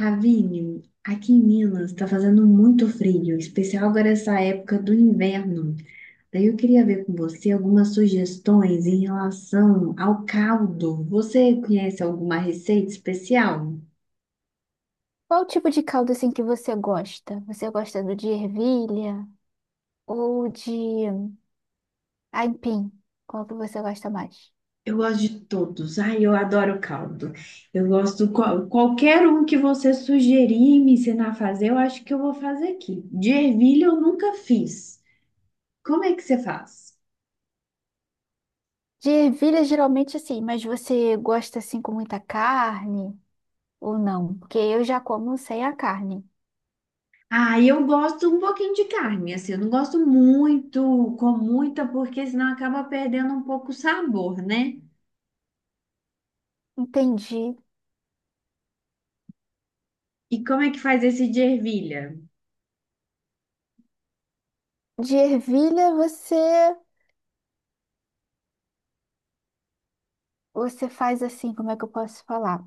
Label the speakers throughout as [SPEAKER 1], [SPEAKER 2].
[SPEAKER 1] Ravine, aqui em Minas está fazendo muito frio, em especial agora essa época do inverno. Daí eu queria ver com você algumas sugestões em relação ao caldo. Você conhece alguma receita especial?
[SPEAKER 2] Qual o tipo de caldo assim que você gosta? Você gosta do de ervilha ou de aipim? Qual que você gosta mais?
[SPEAKER 1] Eu gosto de todos. Ai, eu adoro caldo. Eu gosto qualquer um que você sugerir e me ensinar a fazer, eu acho que eu vou fazer aqui. De ervilha eu nunca fiz. Como é que você faz?
[SPEAKER 2] De ervilha geralmente assim, mas você gosta assim com muita carne ou não? Porque eu já como sem a carne.
[SPEAKER 1] Ah, eu gosto um pouquinho de carne, assim, eu não gosto muito, com muita, porque senão acaba perdendo um pouco o sabor, né?
[SPEAKER 2] Entendi.
[SPEAKER 1] E como é que faz esse de ervilha?
[SPEAKER 2] De ervilha você faz assim, como é que eu posso falar?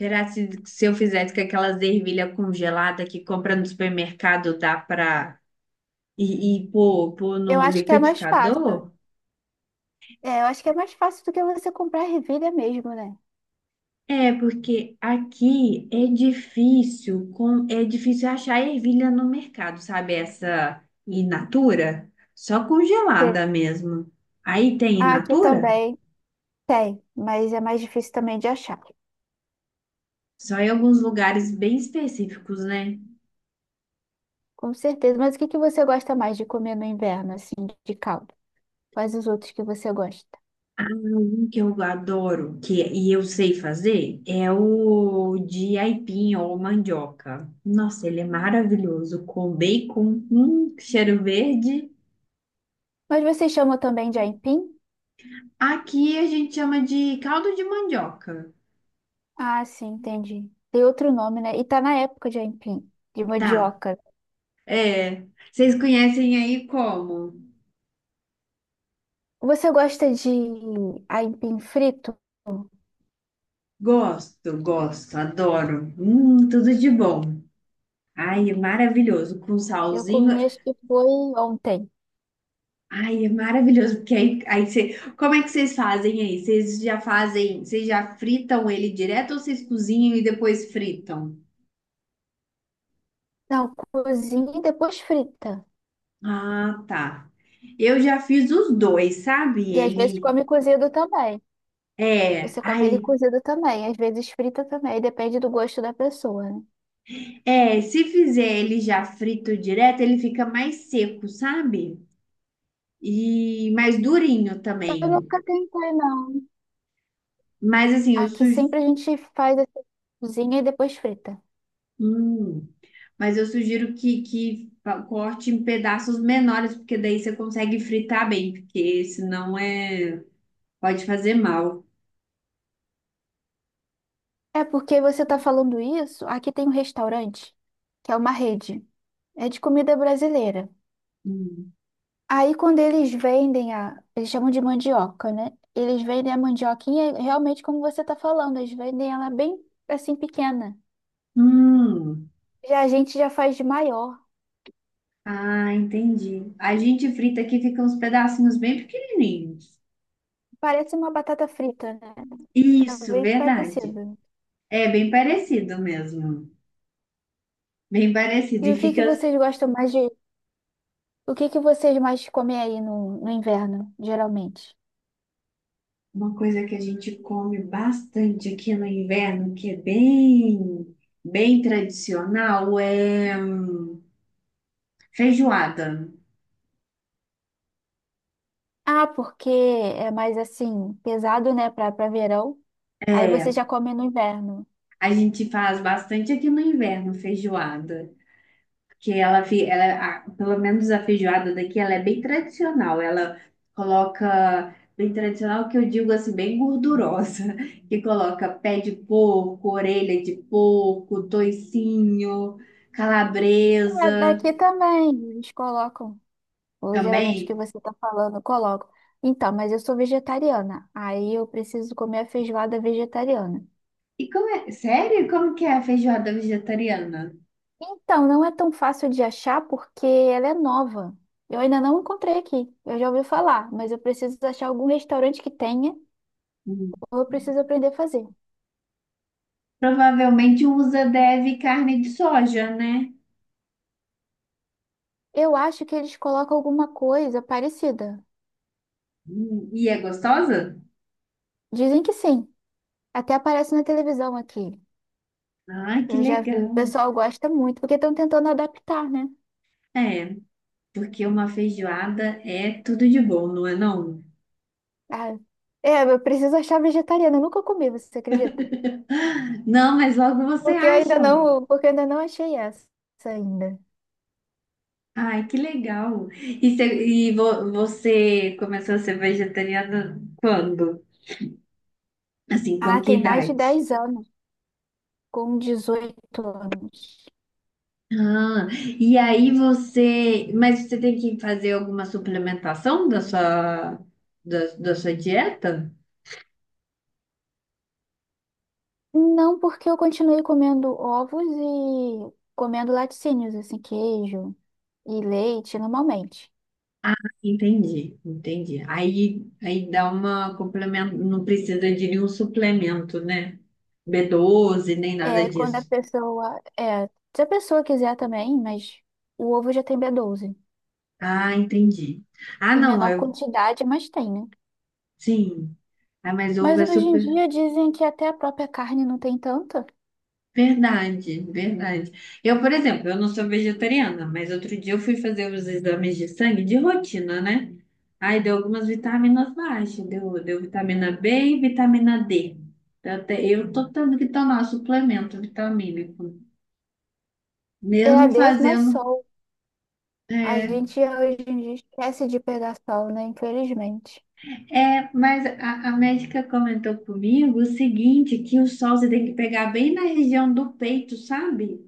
[SPEAKER 1] Será que se eu fizesse com aquelas ervilha congelada que compra no supermercado, dá pra e pôr
[SPEAKER 2] Eu
[SPEAKER 1] no
[SPEAKER 2] acho que é mais fácil.
[SPEAKER 1] liquidificador?
[SPEAKER 2] É, eu acho que é mais fácil do que você comprar ervilha mesmo, né?
[SPEAKER 1] É, porque aqui é difícil, com, é difícil achar ervilha no mercado, sabe? Essa in natura, só
[SPEAKER 2] Tem.
[SPEAKER 1] congelada mesmo. Aí tem in
[SPEAKER 2] Ah, aqui
[SPEAKER 1] natura?
[SPEAKER 2] também tem, mas é mais difícil também de achar.
[SPEAKER 1] Só em alguns lugares bem específicos, né?
[SPEAKER 2] Com certeza. Mas o que que você gosta mais de comer no inverno, assim, de caldo? Quais os outros que você gosta?
[SPEAKER 1] Um que eu adoro, que é, e eu sei fazer, é o de aipim ou mandioca. Nossa, ele é maravilhoso, com bacon, cheiro verde.
[SPEAKER 2] Mas você chama também de aipim?
[SPEAKER 1] Aqui a gente chama de caldo de mandioca.
[SPEAKER 2] Ah, sim, entendi. Tem outro nome, né? E tá na época de aipim, de
[SPEAKER 1] Tá,
[SPEAKER 2] mandioca.
[SPEAKER 1] é, vocês conhecem aí como?
[SPEAKER 2] Você gosta de aipim frito?
[SPEAKER 1] Gosto, gosto, adoro. Tudo de bom. Ai, é maravilhoso, com
[SPEAKER 2] Eu
[SPEAKER 1] salzinho.
[SPEAKER 2] comi, acho que foi ontem.
[SPEAKER 1] Ai, é maravilhoso, porque aí, aí você, como é que vocês fazem aí? Vocês já fazem, vocês já fritam ele direto ou vocês cozinham e depois fritam?
[SPEAKER 2] Não, cozinha e depois frita.
[SPEAKER 1] Ah, tá. Eu já fiz os dois, sabe?
[SPEAKER 2] E às vezes
[SPEAKER 1] Ele
[SPEAKER 2] come cozido também.
[SPEAKER 1] é,
[SPEAKER 2] Você come ele
[SPEAKER 1] ai,
[SPEAKER 2] cozido também, às vezes frita também, depende do gosto da pessoa, né?
[SPEAKER 1] é, se fizer ele já frito direto, ele fica mais seco, sabe? E mais durinho também.
[SPEAKER 2] Eu nunca tentei, não.
[SPEAKER 1] Mas assim, eu
[SPEAKER 2] Aqui
[SPEAKER 1] sugiro,
[SPEAKER 2] sempre a gente faz essa cozinha e depois frita.
[SPEAKER 1] mas eu sugiro que, corte em pedaços menores, porque daí você consegue fritar bem, porque senão é pode fazer mal.
[SPEAKER 2] É porque você tá falando isso, aqui tem um restaurante, que é uma rede. É de comida brasileira.
[SPEAKER 1] Hum.
[SPEAKER 2] Aí quando eles vendem a, eles chamam de mandioca, né? Eles vendem a mandioquinha realmente como você tá falando, eles vendem ela bem assim pequena.
[SPEAKER 1] Hum.
[SPEAKER 2] Já a gente já faz de maior.
[SPEAKER 1] Ah, entendi. A gente frita aqui fica uns pedacinhos bem pequenininhos.
[SPEAKER 2] Parece uma batata frita, né? Tá
[SPEAKER 1] Isso,
[SPEAKER 2] bem
[SPEAKER 1] verdade.
[SPEAKER 2] parecido.
[SPEAKER 1] É bem parecido mesmo. Bem parecido.
[SPEAKER 2] E
[SPEAKER 1] E
[SPEAKER 2] o que que
[SPEAKER 1] fica
[SPEAKER 2] vocês gostam mais o que que vocês mais comem aí no, no inverno, geralmente?
[SPEAKER 1] uma coisa que a gente come bastante aqui no inverno, que é bem, bem tradicional, é feijoada.
[SPEAKER 2] Ah, porque é mais assim, pesado, né, pra, pra verão. Aí você
[SPEAKER 1] É,
[SPEAKER 2] já come no inverno.
[SPEAKER 1] a gente faz bastante aqui no inverno, feijoada. Que ela, ela, pelo menos a feijoada daqui, ela é bem tradicional. Ela coloca, bem tradicional que eu digo assim, bem gordurosa. Que coloca pé de porco, orelha de porco, toicinho,
[SPEAKER 2] É,
[SPEAKER 1] calabresa
[SPEAKER 2] daqui também, eles colocam. Ou geralmente que
[SPEAKER 1] também.
[SPEAKER 2] você tá falando, colocam. Então, mas eu sou vegetariana. Aí eu preciso comer a feijoada vegetariana.
[SPEAKER 1] E como é? Sério? Como que é a feijoada vegetariana?
[SPEAKER 2] Então, não é tão fácil de achar porque ela é nova. Eu ainda não encontrei aqui. Eu já ouvi falar, mas eu preciso achar algum restaurante que tenha,
[SPEAKER 1] Hum,
[SPEAKER 2] ou eu preciso aprender a fazer.
[SPEAKER 1] Provavelmente usa, deve, carne de soja, né?
[SPEAKER 2] Eu acho que eles colocam alguma coisa parecida.
[SPEAKER 1] hum. E é gostosa?
[SPEAKER 2] Dizem que sim. Até aparece na televisão aqui.
[SPEAKER 1] Ai, que
[SPEAKER 2] Eu já vi. O
[SPEAKER 1] legal.
[SPEAKER 2] pessoal gosta muito, porque estão tentando adaptar, né?
[SPEAKER 1] É, porque uma feijoada é tudo de bom, não é não?
[SPEAKER 2] Ah, é, eu preciso achar vegetariana. Eu nunca comi, você acredita?
[SPEAKER 1] Não, mas logo você acham.
[SPEAKER 2] Porque eu ainda não achei essa ainda.
[SPEAKER 1] Ai, que legal. E, e você começou a ser vegetariana quando? Assim, com
[SPEAKER 2] Ah,
[SPEAKER 1] que
[SPEAKER 2] tem mais de
[SPEAKER 1] idade?
[SPEAKER 2] 10 anos, com dezoito anos.
[SPEAKER 1] Ah, e aí você, mas você tem que fazer alguma suplementação da sua, da sua dieta?
[SPEAKER 2] Não, porque eu continuei comendo ovos e comendo laticínios, assim, queijo e leite normalmente.
[SPEAKER 1] Ah, entendi, entendi. Aí, aí dá uma complemento, não precisa de nenhum suplemento, né? B12 nem nada
[SPEAKER 2] É, quando a
[SPEAKER 1] disso.
[SPEAKER 2] pessoa. É, se a pessoa quiser também, mas o ovo já tem B12.
[SPEAKER 1] Ah, entendi. Ah,
[SPEAKER 2] Em
[SPEAKER 1] não,
[SPEAKER 2] menor
[SPEAKER 1] eu,
[SPEAKER 2] quantidade, mas tem, né?
[SPEAKER 1] sim. Ah, mas ovo
[SPEAKER 2] Mas
[SPEAKER 1] é
[SPEAKER 2] hoje em
[SPEAKER 1] super.
[SPEAKER 2] dia dizem que até a própria carne não tem tanta.
[SPEAKER 1] Verdade, verdade. Eu, por exemplo, eu não sou vegetariana, mas outro dia eu fui fazer os exames de sangue de rotina, né? Aí deu algumas vitaminas baixas, deu, deu vitamina B e vitamina D. Eu, até, eu tô tendo que tomar suplemento vitamínico,
[SPEAKER 2] É a
[SPEAKER 1] mesmo
[SPEAKER 2] des mais
[SPEAKER 1] fazendo.
[SPEAKER 2] sol. A
[SPEAKER 1] É,
[SPEAKER 2] gente hoje em dia esquece de pegar sol, né? Infelizmente.
[SPEAKER 1] é, mas a médica comentou comigo o seguinte, que o sol você tem que pegar bem na região do peito, sabe?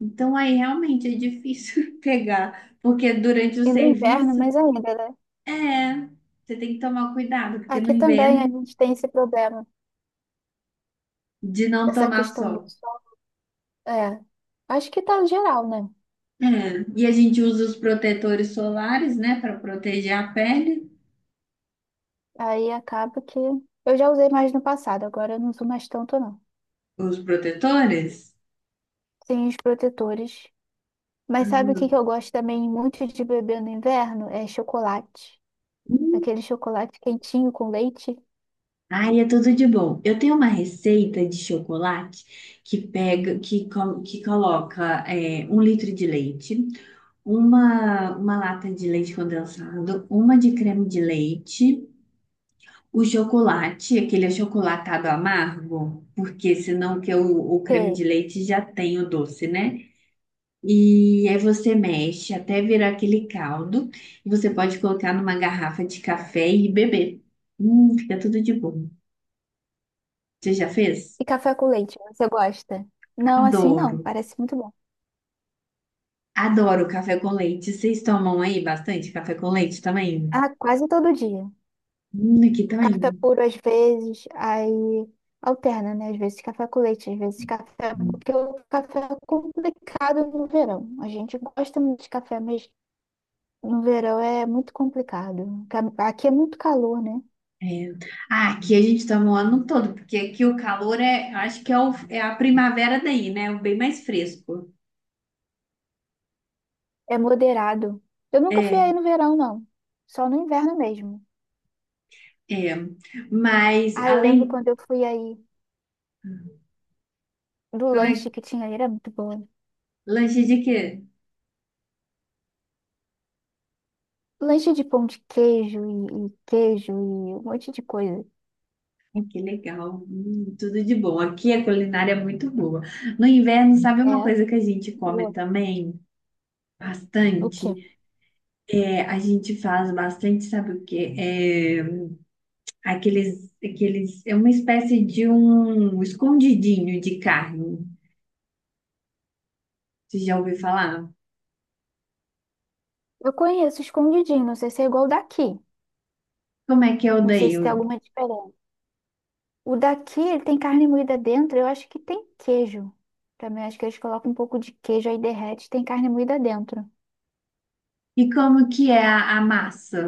[SPEAKER 1] Então aí realmente é difícil pegar, porque durante o
[SPEAKER 2] E no inverno,
[SPEAKER 1] serviço,
[SPEAKER 2] mais ainda, né?
[SPEAKER 1] é, você tem que tomar cuidado, porque no
[SPEAKER 2] Aqui também a
[SPEAKER 1] inverno,
[SPEAKER 2] gente tem esse problema,
[SPEAKER 1] de não
[SPEAKER 2] essa
[SPEAKER 1] tomar
[SPEAKER 2] questão do
[SPEAKER 1] sol.
[SPEAKER 2] sol. É, acho que tá geral, né?
[SPEAKER 1] É, e a gente usa os protetores solares, né, para proteger a pele,
[SPEAKER 2] Aí acaba que eu já usei mais no passado, agora eu não uso mais tanto, não.
[SPEAKER 1] os protetores.
[SPEAKER 2] Tem os protetores. Mas sabe o que que eu gosto também muito de beber no inverno? É chocolate.
[SPEAKER 1] Uhum.
[SPEAKER 2] Aquele chocolate quentinho com leite.
[SPEAKER 1] Ai, é tudo de bom. Eu tenho uma receita de chocolate que pega, que, que coloca é, um litro de leite, uma lata de leite condensado, uma de creme de leite, o chocolate, aquele achocolatado amargo, porque senão que o creme de
[SPEAKER 2] Sei.
[SPEAKER 1] leite já tem o doce, né? E aí você mexe até virar aquele caldo e você pode colocar numa garrafa de café e beber. Fica tudo de bom. Você já fez?
[SPEAKER 2] E café com leite, você gosta? Não, assim
[SPEAKER 1] Adoro.
[SPEAKER 2] não, parece muito bom.
[SPEAKER 1] Adoro café com leite. Vocês tomam aí bastante café com leite também?
[SPEAKER 2] Ah, quase todo dia.
[SPEAKER 1] Aqui
[SPEAKER 2] Café
[SPEAKER 1] também.
[SPEAKER 2] puro às vezes, aí alterna, né? Às vezes café com leite, às vezes café, porque o café é complicado no verão. A gente gosta muito de café, mas no verão é muito complicado. Ca- Aqui é muito calor, né?
[SPEAKER 1] É. Ah, aqui a gente toma o ano todo, porque aqui o calor é, eu acho que é, o- é a primavera daí, né? É o bem mais fresco.
[SPEAKER 2] É moderado. Eu nunca fui aí
[SPEAKER 1] É,
[SPEAKER 2] no verão, não. Só no inverno mesmo.
[SPEAKER 1] é. Mas
[SPEAKER 2] Ah, eu lembro
[SPEAKER 1] além,
[SPEAKER 2] quando eu fui aí do
[SPEAKER 1] como é,
[SPEAKER 2] lanche que tinha ali era muito bom.
[SPEAKER 1] lanche de quê?
[SPEAKER 2] Lanche de pão de queijo e queijo e um monte de coisa.
[SPEAKER 1] Ah, que legal. Tudo de bom. Aqui a culinária é muito boa. No inverno, sabe uma
[SPEAKER 2] É,
[SPEAKER 1] coisa que a gente come
[SPEAKER 2] boa.
[SPEAKER 1] também?
[SPEAKER 2] O quê?
[SPEAKER 1] Bastante. É, a gente faz bastante, sabe o quê? É, aqueles, é uma espécie de um escondidinho de carne. Você já ouviu falar?
[SPEAKER 2] Eu conheço escondidinho, não sei se é igual o daqui.
[SPEAKER 1] Como é que é o
[SPEAKER 2] Não sei
[SPEAKER 1] daí?
[SPEAKER 2] se tem alguma diferença. O daqui, ele tem carne moída dentro, eu acho que tem queijo. Também acho que eles colocam um pouco de queijo aí derrete, tem carne moída dentro.
[SPEAKER 1] E como que é a massa?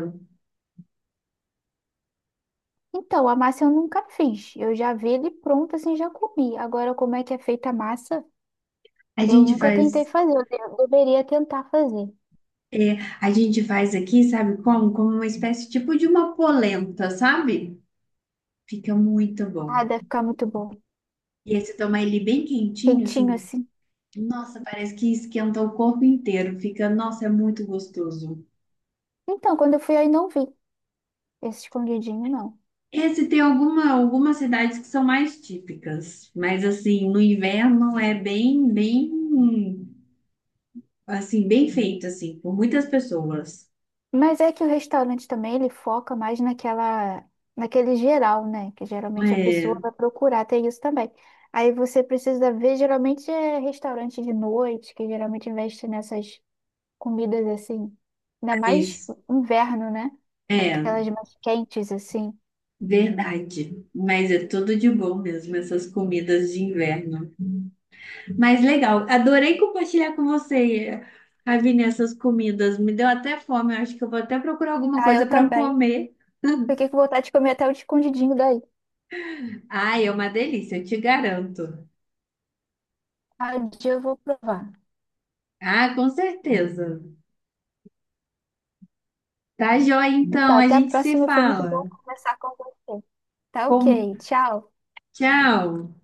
[SPEAKER 2] Então, a massa eu nunca fiz. Eu já vi ele pronto, assim, já comi. Agora, como é que é feita a massa?
[SPEAKER 1] A
[SPEAKER 2] Eu
[SPEAKER 1] gente
[SPEAKER 2] nunca tentei
[SPEAKER 1] faz,
[SPEAKER 2] fazer. Eu deveria tentar fazer.
[SPEAKER 1] a gente faz aqui, sabe como? Como uma espécie tipo de uma polenta, sabe? Fica muito bom.
[SPEAKER 2] Ah, deve ficar muito bom.
[SPEAKER 1] E aí você toma ele bem quentinho,
[SPEAKER 2] Quentinho
[SPEAKER 1] assim,
[SPEAKER 2] assim.
[SPEAKER 1] nossa, parece que esquenta o corpo inteiro. Fica, nossa, é muito gostoso.
[SPEAKER 2] Então, quando eu fui aí não vi esse escondidinho, não.
[SPEAKER 1] É, se tem alguma, algumas cidades que são mais típicas, mas assim, no inverno é bem, bem, assim, bem feito, assim, por muitas pessoas.
[SPEAKER 2] Mas é que o restaurante também, ele foca mais naquela, naquele geral, né? Que geralmente a pessoa
[SPEAKER 1] É,
[SPEAKER 2] vai procurar, tem isso também. Aí você precisa ver, geralmente é restaurante de noite, que geralmente investe nessas comidas assim, ainda mais
[SPEAKER 1] mas,
[SPEAKER 2] inverno, né?
[SPEAKER 1] é,
[SPEAKER 2] Aquelas mais quentes assim.
[SPEAKER 1] verdade. Mas é tudo de bom mesmo, essas comidas de inverno. Mas legal, adorei compartilhar com você, Ravine, essas comidas. Me deu até fome, eu acho que eu vou até procurar alguma
[SPEAKER 2] Ah,
[SPEAKER 1] coisa
[SPEAKER 2] eu
[SPEAKER 1] para
[SPEAKER 2] também.
[SPEAKER 1] comer.
[SPEAKER 2] Fiquei com vontade de comer até o escondidinho daí.
[SPEAKER 1] Ai, é uma delícia, eu te garanto.
[SPEAKER 2] Ah, um dia eu vou provar.
[SPEAKER 1] Ah, com certeza. Tá joia, então,
[SPEAKER 2] Então,
[SPEAKER 1] a
[SPEAKER 2] até a
[SPEAKER 1] gente se
[SPEAKER 2] próxima, foi muito bom
[SPEAKER 1] fala.
[SPEAKER 2] conversar com você. Tá
[SPEAKER 1] Bom,
[SPEAKER 2] ok, tchau.
[SPEAKER 1] tchau.